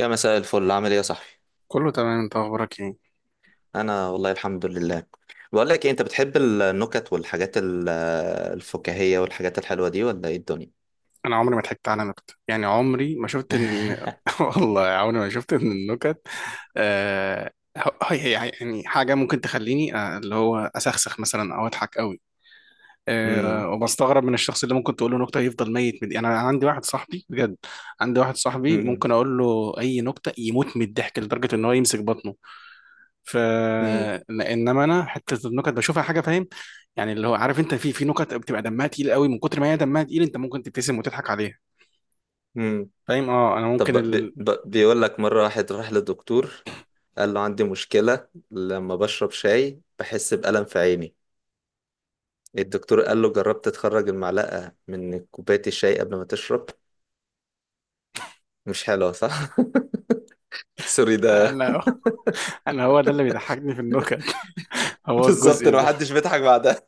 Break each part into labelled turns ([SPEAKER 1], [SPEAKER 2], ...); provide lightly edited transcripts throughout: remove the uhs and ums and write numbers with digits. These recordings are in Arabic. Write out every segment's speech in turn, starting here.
[SPEAKER 1] يا مساء الفل، عامل ايه يا صاحبي؟
[SPEAKER 2] كله تمام، انت اخبارك ايه؟
[SPEAKER 1] انا والله الحمد لله. بقول لك إيه، انت بتحب النكت والحاجات الفكاهية والحاجات الحلوة دي ولا ايه الدنيا؟
[SPEAKER 2] انا عمري ما ضحكت على نكت، يعني عمري ما شفت ان ان- والله عمري ما شفت ان النكت. آه... يعني حاجه ممكن تخليني، اللي هو اسخسخ مثلا او اضحك قوي.
[SPEAKER 1] امم.
[SPEAKER 2] وبستغرب من الشخص اللي ممكن تقول له نكته يفضل ميت من دي. انا عندي واحد صاحبي بجد. عندي واحد صاحبي
[SPEAKER 1] امم.
[SPEAKER 2] ممكن اقول له اي نكته يموت من الضحك لدرجه ان هو يمسك بطنه. ف
[SPEAKER 1] امم.
[SPEAKER 2] انما انا حته النكت بشوفها حاجه، فاهم؟ يعني اللي هو، عارف انت، في نكت بتبقى دمها تقيل قوي، من كتر ما هي دمها تقيل انت ممكن تبتسم وتضحك عليها،
[SPEAKER 1] أمم.
[SPEAKER 2] فاهم. اه، انا
[SPEAKER 1] طب
[SPEAKER 2] ممكن
[SPEAKER 1] بيقول لك مرة، واحد راح للدكتور قال له عندي مشكلة لما بشرب شاي بحس بألم في عيني. الدكتور قال له جربت تخرج المعلقة من كوباية الشاي قبل ما تشرب؟ مش حلوة، صح؟ سوري ده.
[SPEAKER 2] انا انا هو ده اللي بيضحكني في النكت، هو
[SPEAKER 1] بالظبط،
[SPEAKER 2] الجزء
[SPEAKER 1] إن
[SPEAKER 2] ده.
[SPEAKER 1] محدش بيضحك بعدها.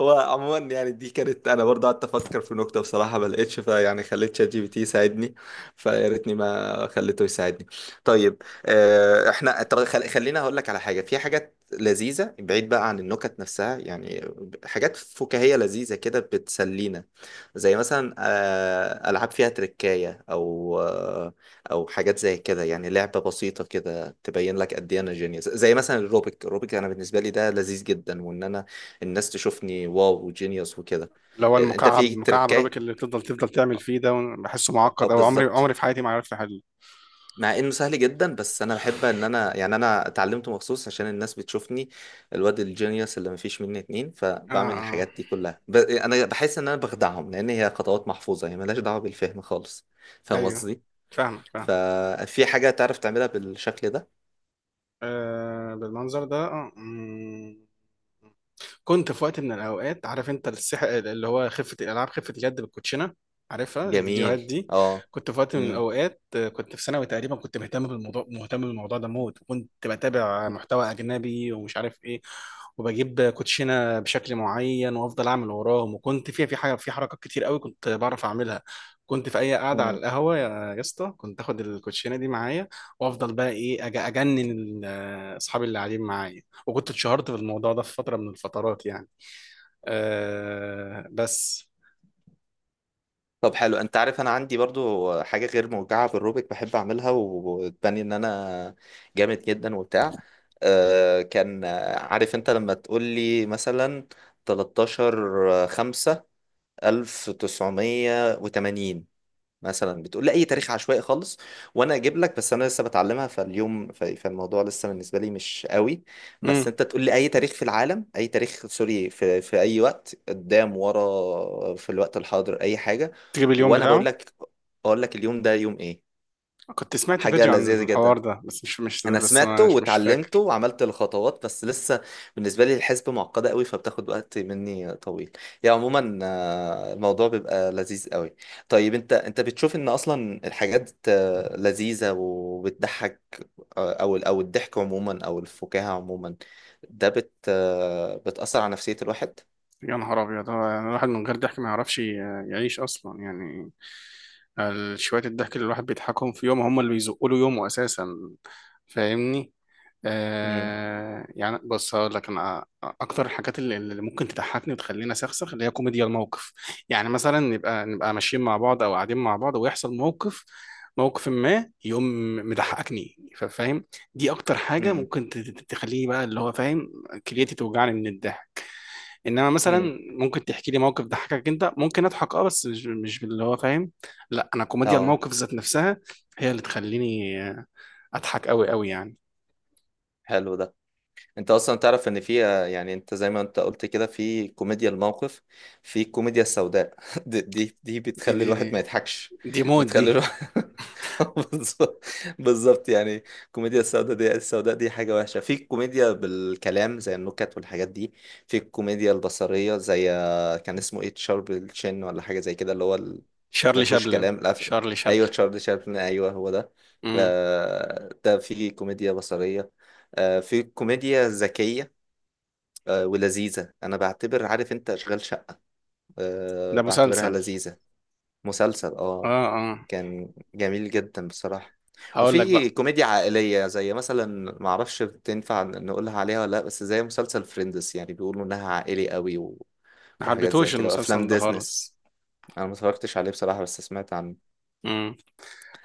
[SPEAKER 1] هو عموما يعني دي كانت، انا برضه قعدت افكر في نكته بصراحه ما لقيتش، فيعني خليت شات جي بي تي يساعدني. فيا ريتني ما خليته يساعدني. طيب، احنا طب خلينا هقول لك على حاجه، في حاجات لذيذه بعيد بقى عن النكت نفسها يعني. حاجات فكاهيه لذيذه كده بتسلينا، زي مثلا العاب فيها تركايه، او حاجات زي كده. يعني لعبه بسيطه كده تبين لك قد ايه انا جينيوس، زي مثلا الروبيك الروبيك. انا بالنسبه لي ده لذيذ جدا، وان انا الناس تشوفني واو جينيوس وكده.
[SPEAKER 2] اللي هو
[SPEAKER 1] انت
[SPEAKER 2] المكعب،
[SPEAKER 1] في
[SPEAKER 2] مكعب رابك
[SPEAKER 1] تركاية.
[SPEAKER 2] اللي بتفضل تعمل فيه ده، بحسه
[SPEAKER 1] اه،
[SPEAKER 2] معقد، او عمري
[SPEAKER 1] بالظبط.
[SPEAKER 2] عمري في حياتي ما عرفت احله.
[SPEAKER 1] مع انه سهل جدا، بس انا بحب ان انا يعني انا اتعلمته مخصوص عشان الناس بتشوفني الواد الجينيوس اللي مفيش مني اتنين،
[SPEAKER 2] اه
[SPEAKER 1] فبعمل
[SPEAKER 2] اه،
[SPEAKER 1] الحاجات دي كلها انا بحس ان انا بخدعهم، لان هي خطوات محفوظة هي ملهاش دعوة بالفهم خالص. فاهم
[SPEAKER 2] ايوه،
[SPEAKER 1] قصدي؟
[SPEAKER 2] فاهمك، فاهم.
[SPEAKER 1] ففي حاجة تعرف تعملها بالشكل ده.
[SPEAKER 2] آه، بالمنظر ده. اه، مم. كنت في وقت من الاوقات، عارف انت، اللي هو خفه الالعاب، خفه اليد بالكوتشينه، عارفها الفيديوهات
[SPEAKER 1] جميل.
[SPEAKER 2] دي؟
[SPEAKER 1] اه.
[SPEAKER 2] كنت في وقت من الاوقات، كنت في ثانوي تقريبا، كنت مهتم بالموضوع، مهتم بالموضوع ده موت، وكنت بتابع
[SPEAKER 1] امم.
[SPEAKER 2] محتوى اجنبي ومش عارف ايه، وبجيب كوتشينه بشكل معين وافضل اعمل وراهم، وكنت فيها في حاجه، في حركات كتير قوي كنت بعرف اعملها. كنت في اي قاعده على القهوه، يا اسطى، كنت اخد الكوتشينه دي معايا، وافضل بقى ايه اجنن اصحابي اللي قاعدين معايا، وكنت اتشهرت في الموضوع ده في فترة من الفترات يعني. أه بس.
[SPEAKER 1] طب حلو، انت عارف انا عندي برضو حاجه غير موجعه بالروبيك بحب اعملها وتبني ان انا جامد جدا وبتاع. كان عارف انت لما تقول لي مثلا 13 5 1980، مثلا بتقول لي اي تاريخ عشوائي خالص وانا اجيب لك. بس انا لسه بتعلمها فاليوم، فالموضوع لسه بالنسبه لي مش قوي. بس
[SPEAKER 2] امم.
[SPEAKER 1] انت تقول لي اي تاريخ في العالم، اي تاريخ سوري، في اي وقت قدام ورا في الوقت الحاضر، اي حاجه
[SPEAKER 2] تجيب اليوم
[SPEAKER 1] وانا بقول
[SPEAKER 2] بتاعه.
[SPEAKER 1] لك. اقول لك اليوم ده يوم ايه.
[SPEAKER 2] كنت سمعت
[SPEAKER 1] حاجه
[SPEAKER 2] فيديو عن
[SPEAKER 1] لذيذه جدا.
[SPEAKER 2] الحوار ده، بس مش مش
[SPEAKER 1] انا
[SPEAKER 2] بس
[SPEAKER 1] سمعته
[SPEAKER 2] مش مش
[SPEAKER 1] واتعلمته
[SPEAKER 2] فاكر.
[SPEAKER 1] وعملت الخطوات بس لسه بالنسبه لي الحسبه معقده قوي، فبتاخد وقت مني طويل. يعني عموما الموضوع بيبقى لذيذ قوي. طيب، انت بتشوف ان اصلا الحاجات لذيذه وبتضحك، او الضحك عموما او الفكاهه عموما، ده بت آه، بتاثر على نفسيه الواحد.
[SPEAKER 2] يا نهار ابيض، هو يعني الواحد من غير ضحك ما يعرفش يعيش اصلا يعني. شوية الضحك اللي الواحد بيضحكهم في يوم، هم اللي بيزقوا له يومه اساسا، فاهمني؟
[SPEAKER 1] امم.
[SPEAKER 2] يعني بص، هقول لك، انا اكتر الحاجات اللي ممكن تضحكني وتخليني اسخسخ اللي هي كوميديا الموقف. يعني مثلا نبقى ماشيين مع بعض او قاعدين مع بعض ويحصل موقف، موقف ما يقوم مضحكني، فاهم؟ دي اكتر حاجه ممكن تخليني بقى، اللي هو فاهم، كليتي توجعني من الضحك. انما
[SPEAKER 1] امم.
[SPEAKER 2] مثلا ممكن تحكي لي موقف ضحكك انت، ممكن اضحك، اه، بس مش اللي هو فاهم. لا، انا كوميديا
[SPEAKER 1] اه.
[SPEAKER 2] الموقف ذات نفسها هي اللي تخليني اضحك قوي قوي يعني.
[SPEAKER 1] حلو ده. انت اصلا تعرف ان في يعني انت زي ما انت قلت كده في كوميديا الموقف، في الكوميديا السوداء دي
[SPEAKER 2] دي
[SPEAKER 1] بتخلي
[SPEAKER 2] دي دي
[SPEAKER 1] الواحد ما يضحكش،
[SPEAKER 2] دي موت دي.
[SPEAKER 1] بتخلي الواحد بالظبط. بالظبط، يعني الكوميديا السوداء دي، حاجة وحشة. في الكوميديا بالكلام زي النكت والحاجات دي. في الكوميديا البصرية زي كان اسمه ايه، تشارب الشن ولا حاجة زي كده، اللي هو ما
[SPEAKER 2] شارلي
[SPEAKER 1] فيهوش
[SPEAKER 2] شابلن.
[SPEAKER 1] كلام القفله.
[SPEAKER 2] شارلي
[SPEAKER 1] ايوه
[SPEAKER 2] شابلن.
[SPEAKER 1] تشارلي شابلن، ايوه هو ده.
[SPEAKER 2] امم.
[SPEAKER 1] ده في كوميديا بصريه، في كوميديا ذكيه ولذيذه. انا بعتبر، عارف انت اشغال شقه،
[SPEAKER 2] ده
[SPEAKER 1] بعتبرها
[SPEAKER 2] مسلسل.
[SPEAKER 1] لذيذه. مسلسل، اه.
[SPEAKER 2] اه اه.
[SPEAKER 1] كان جميل جدا بصراحه.
[SPEAKER 2] هقول لك
[SPEAKER 1] وفي
[SPEAKER 2] بقى.
[SPEAKER 1] كوميديا عائليه، زي مثلا ما اعرفش تنفع نقولها عليها ولا لا، بس زي مسلسل فريندز يعني بيقولوا انها عائلي قوي
[SPEAKER 2] ما
[SPEAKER 1] وحاجات زي
[SPEAKER 2] حبيتهوش
[SPEAKER 1] كده وافلام
[SPEAKER 2] المسلسل ده
[SPEAKER 1] ديزنس.
[SPEAKER 2] خالص.
[SPEAKER 1] انا ما اتفرجتش عليه بصراحه، بس سمعت عنه.
[SPEAKER 2] امم.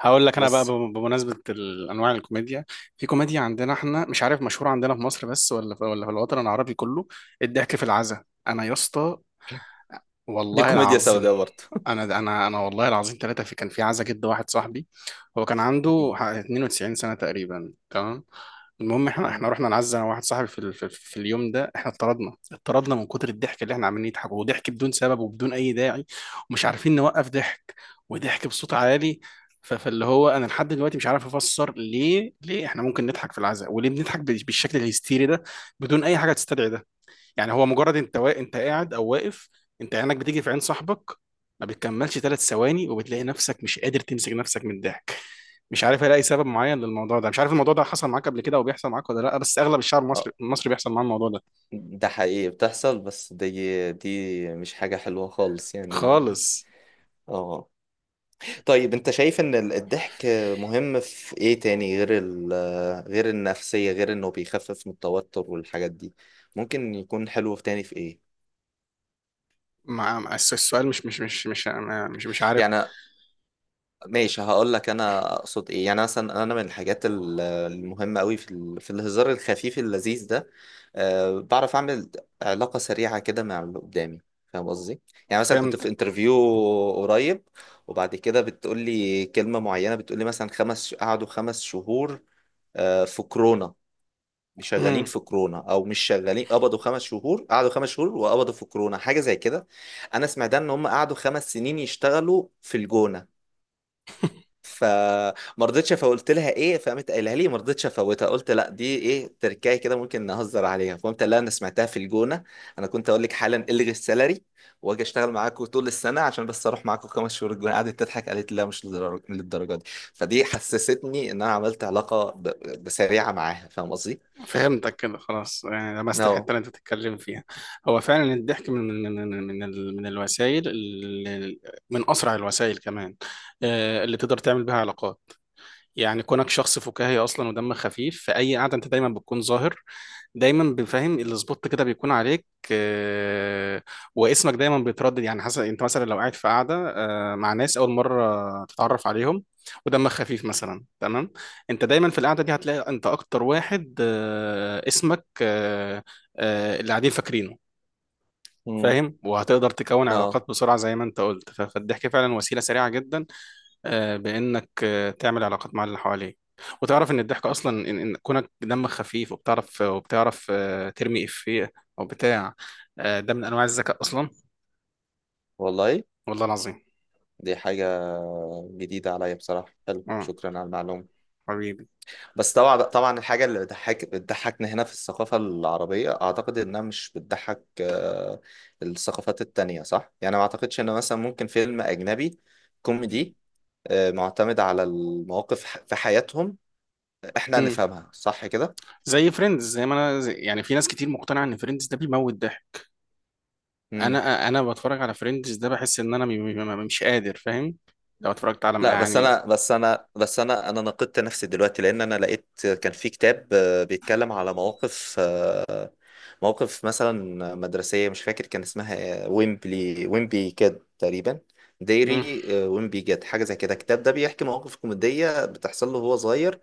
[SPEAKER 2] هقول لك انا بقى،
[SPEAKER 1] بس
[SPEAKER 2] بمناسبة انواع الكوميديا. في كوميديا عندنا احنا، مش عارف مشهورة عندنا في مصر بس ولا في الوطن العربي كله: الضحك في العزا. انا يا اسطى،
[SPEAKER 1] دي
[SPEAKER 2] والله
[SPEAKER 1] كوميديا
[SPEAKER 2] العظيم،
[SPEAKER 1] سوداء برضه.
[SPEAKER 2] انا والله العظيم ثلاثه، كان في عزا جد واحد صاحبي، هو كان عنده
[SPEAKER 1] مم.
[SPEAKER 2] 92 سنه تقريبا، تمام. المهم، احنا
[SPEAKER 1] مم.
[SPEAKER 2] احنا رحنا نعزى، انا واحد صاحبي، في اليوم ده احنا اتطردنا من كتر الضحك اللي احنا عمالين نضحك، وضحك بدون سبب وبدون اي داعي، ومش عارفين نوقف ضحك، وضحك بصوت عالي. فاللي هو، انا لحد دلوقتي مش عارف افسر ليه، احنا ممكن نضحك في العزاء، وليه بنضحك بالشكل الهستيري ده بدون اي حاجه تستدعي ده. يعني هو مجرد انت انت قاعد او واقف، انت عينك بتيجي في عين صاحبك، ما بتكملش 3 ثواني، وبتلاقي نفسك مش قادر تمسك نفسك من الضحك. مش عارف الاقي سبب معين للموضوع ده، مش عارف الموضوع ده حصل معاك قبل كده او بيحصل معاك ولا لا، بس اغلب الشعب المصري
[SPEAKER 1] اه.
[SPEAKER 2] المصري بيحصل معاه الموضوع ده.
[SPEAKER 1] ده حقيقي بتحصل، بس دي مش حاجة حلوة خالص يعني.
[SPEAKER 2] خالص.
[SPEAKER 1] اه. طيب، انت شايف ان الضحك مهم في ايه تاني، غير النفسية، غير انه بيخفف من التوتر والحاجات دي، ممكن يكون حلو في تاني، في ايه
[SPEAKER 2] مع السؤال، مش عارف.
[SPEAKER 1] يعني؟ ماشي، هقول لك انا اقصد ايه. يعني مثلا انا من الحاجات المهمه قوي في الهزار الخفيف اللذيذ ده، بعرف اعمل علاقه سريعه كده مع اللي قدامي. فاهم قصدي؟ يعني مثلا كنت في
[SPEAKER 2] فهمتك
[SPEAKER 1] انترفيو قريب، وبعد كده بتقول لي كلمه معينه، بتقول لي مثلا قعدوا 5 شهور، في كورونا مش شغالين، في كورونا او مش شغالين، قبضوا 5 شهور، قعدوا 5 شهور وقبضوا في كورونا، حاجه زي كده. انا سمعت ان هم قعدوا 5 سنين يشتغلوا في الجونه، فما رضيتش. فقلت لها ايه؟ فقامت قايلها لي ما رضيتش افوتها، قلت لا دي ايه، تركايه كده ممكن نهزر عليها، فقمت قايل لها انا سمعتها في الجونه، انا كنت اقول لك حالا الغي السالري واجي اشتغل معاكم طول السنه عشان بس اروح معاكم 5 شهور الجونه. قعدت تضحك قالت لي لا، مش للدرجة دي. فدي حسستني ان انا عملت علاقه سريعه معاها، فاهم قصدي؟
[SPEAKER 2] فهمتك كده خلاص يعني، لمست الحته
[SPEAKER 1] اه.
[SPEAKER 2] اللي انت بتتكلم فيها. هو فعلا الضحك من الوسائل، من اسرع الوسائل كمان، اللي تقدر تعمل بيها علاقات. يعني كونك شخص فكاهي اصلا ودمك خفيف، في اي قعده انت دايما بتكون ظاهر، دايما بفهم السبوت كده بيكون عليك، آه، واسمك دايما بيتردد، يعني حسب. انت مثلا لو قاعد في قاعده مع ناس اول مره تتعرف عليهم، ودمك خفيف مثلا، تمام، انت دايما في القعده دي هتلاقي انت اكتر واحد اسمك اللي قاعدين فاكرينه،
[SPEAKER 1] مم.
[SPEAKER 2] فاهم. وهتقدر تكون
[SPEAKER 1] اه،
[SPEAKER 2] علاقات بسرعه زي ما انت قلت، فالضحك فعلا وسيله سريعه جدا، بانك تعمل علاقات مع اللي حواليك، وتعرف ان الضحك اصلا، إن كونك دمك خفيف وبتعرف، ترمي افيه او بتاع، ده من انواع الذكاء اصلا.
[SPEAKER 1] والله.
[SPEAKER 2] والله العظيم.
[SPEAKER 1] دي حاجه جديده عليا بصراحه، حلو
[SPEAKER 2] اه.
[SPEAKER 1] شكرا على المعلومه.
[SPEAKER 2] حبيبي.
[SPEAKER 1] بس طبعا طبعا، الحاجة اللي بتضحكنا هنا في الثقافة العربية، أعتقد إنها مش بتضحك الثقافات التانية صح؟ يعني ما أعتقدش إن مثلا ممكن فيلم أجنبي كوميدي معتمد على المواقف في حياتهم، إحنا
[SPEAKER 2] امم.
[SPEAKER 1] نفهمها صح كده؟
[SPEAKER 2] زي فريندز. زي ما انا زي، يعني، في ناس كتير مقتنعه ان فريندز ده بيموت ضحك. انا بتفرج على فريندز ده، بحس ان انا مش قادر، فاهم، لو اتفرجت على،
[SPEAKER 1] لا، بس
[SPEAKER 2] يعني.
[SPEAKER 1] انا بس انا بس انا انا نقدت نفسي دلوقتي، لان انا لقيت كان في كتاب بيتكلم على مواقف مثلا مدرسيه، مش فاكر كان اسمها إيه، ويمبلي ويمبي كاد تقريبا،
[SPEAKER 2] امم.
[SPEAKER 1] ديري ويمبي جاد، حاجه زي كده. الكتاب ده بيحكي مواقف كوميديه بتحصل له وهو صغير،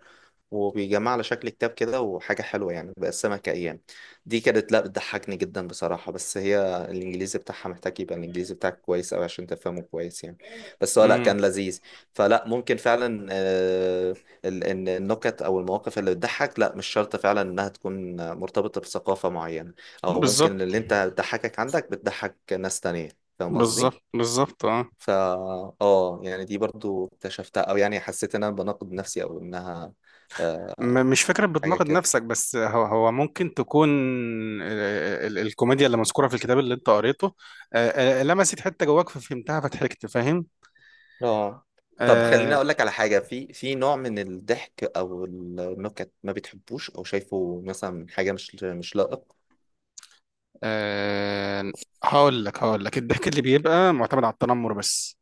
[SPEAKER 1] وبيجمع على شكل كتاب كده، وحاجة حلوة يعني، بقسمها كأيام. دي كانت لا بتضحكني جدا بصراحة، بس هي الإنجليزي بتاعها محتاج يبقى الإنجليزي بتاعك كويس أوي عشان تفهمه كويس يعني، بس هو لا
[SPEAKER 2] امم.
[SPEAKER 1] كان لذيذ. فلا ممكن فعلا، إن النكت أو المواقف اللي بتضحك، لا مش شرط فعلا إنها تكون مرتبطة بثقافة معينة، أو ممكن
[SPEAKER 2] بالظبط.
[SPEAKER 1] اللي أنت بتضحكك عندك بتضحك ناس تانية. فاهم قصدي؟
[SPEAKER 2] بالظبط، بالظبط، اه.
[SPEAKER 1] فا اه، يعني دي برضو اكتشفتها، او يعني حسيت ان انا بناقض نفسي، او انها آه،
[SPEAKER 2] مش فكرة
[SPEAKER 1] حاجة
[SPEAKER 2] بتناقض
[SPEAKER 1] كده.
[SPEAKER 2] نفسك، بس هو ممكن تكون الكوميديا اللي مذكورة في الكتاب اللي انت قريته، لمست حتة جواك، ففهمتها، فضحكت، فاهم.
[SPEAKER 1] اه. طب خليني
[SPEAKER 2] آه،
[SPEAKER 1] اقول لك على حاجة، في نوع من الضحك او النكت ما بتحبوش، او شايفه مثلا حاجة مش لائق.
[SPEAKER 2] آه، هقول لك الضحك اللي بيبقى معتمد على التنمر بس،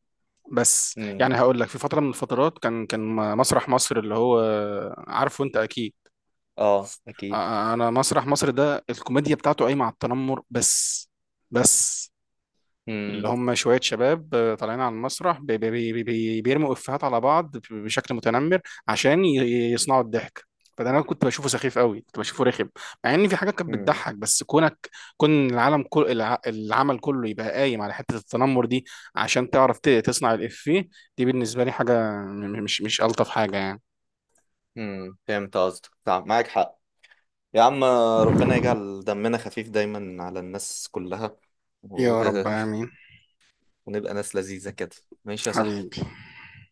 [SPEAKER 2] بس
[SPEAKER 1] امم.
[SPEAKER 2] يعني. هقول لك، في فترة من الفترات كان مسرح مصر، اللي هو عارفه انت اكيد.
[SPEAKER 1] اه اكيد.
[SPEAKER 2] انا مسرح مصر ده الكوميديا بتاعته قايمة على التنمر بس، بس. اللي
[SPEAKER 1] امم.
[SPEAKER 2] هم شوية شباب طالعين على المسرح بي بي بي بي بيرموا إفيهات على بعض بشكل متنمر عشان يصنعوا الضحك. فده انا كنت بشوفه سخيف قوي، كنت بشوفه رخم، مع ان في حاجات كانت
[SPEAKER 1] امم.
[SPEAKER 2] بتضحك، بس كونك، كون العالم، كل العمل كله يبقى قايم على حتة التنمر دي عشان تعرف تصنع الإفيه، دي بالنسبة لي حاجة مش ألطف حاجة يعني.
[SPEAKER 1] امم. فهمت قصدك، طب معاك حق يا عم، ربنا يجعل دمنا خفيف دايما على الناس كلها و...
[SPEAKER 2] يا رب آمين.
[SPEAKER 1] ونبقى ناس لذيذة كده. ماشي يا صاحبي،
[SPEAKER 2] حبيبي.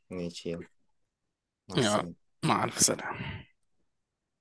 [SPEAKER 1] ماشي يلا. مع
[SPEAKER 2] يا رب.
[SPEAKER 1] السلامة.
[SPEAKER 2] مع ألف سلامة.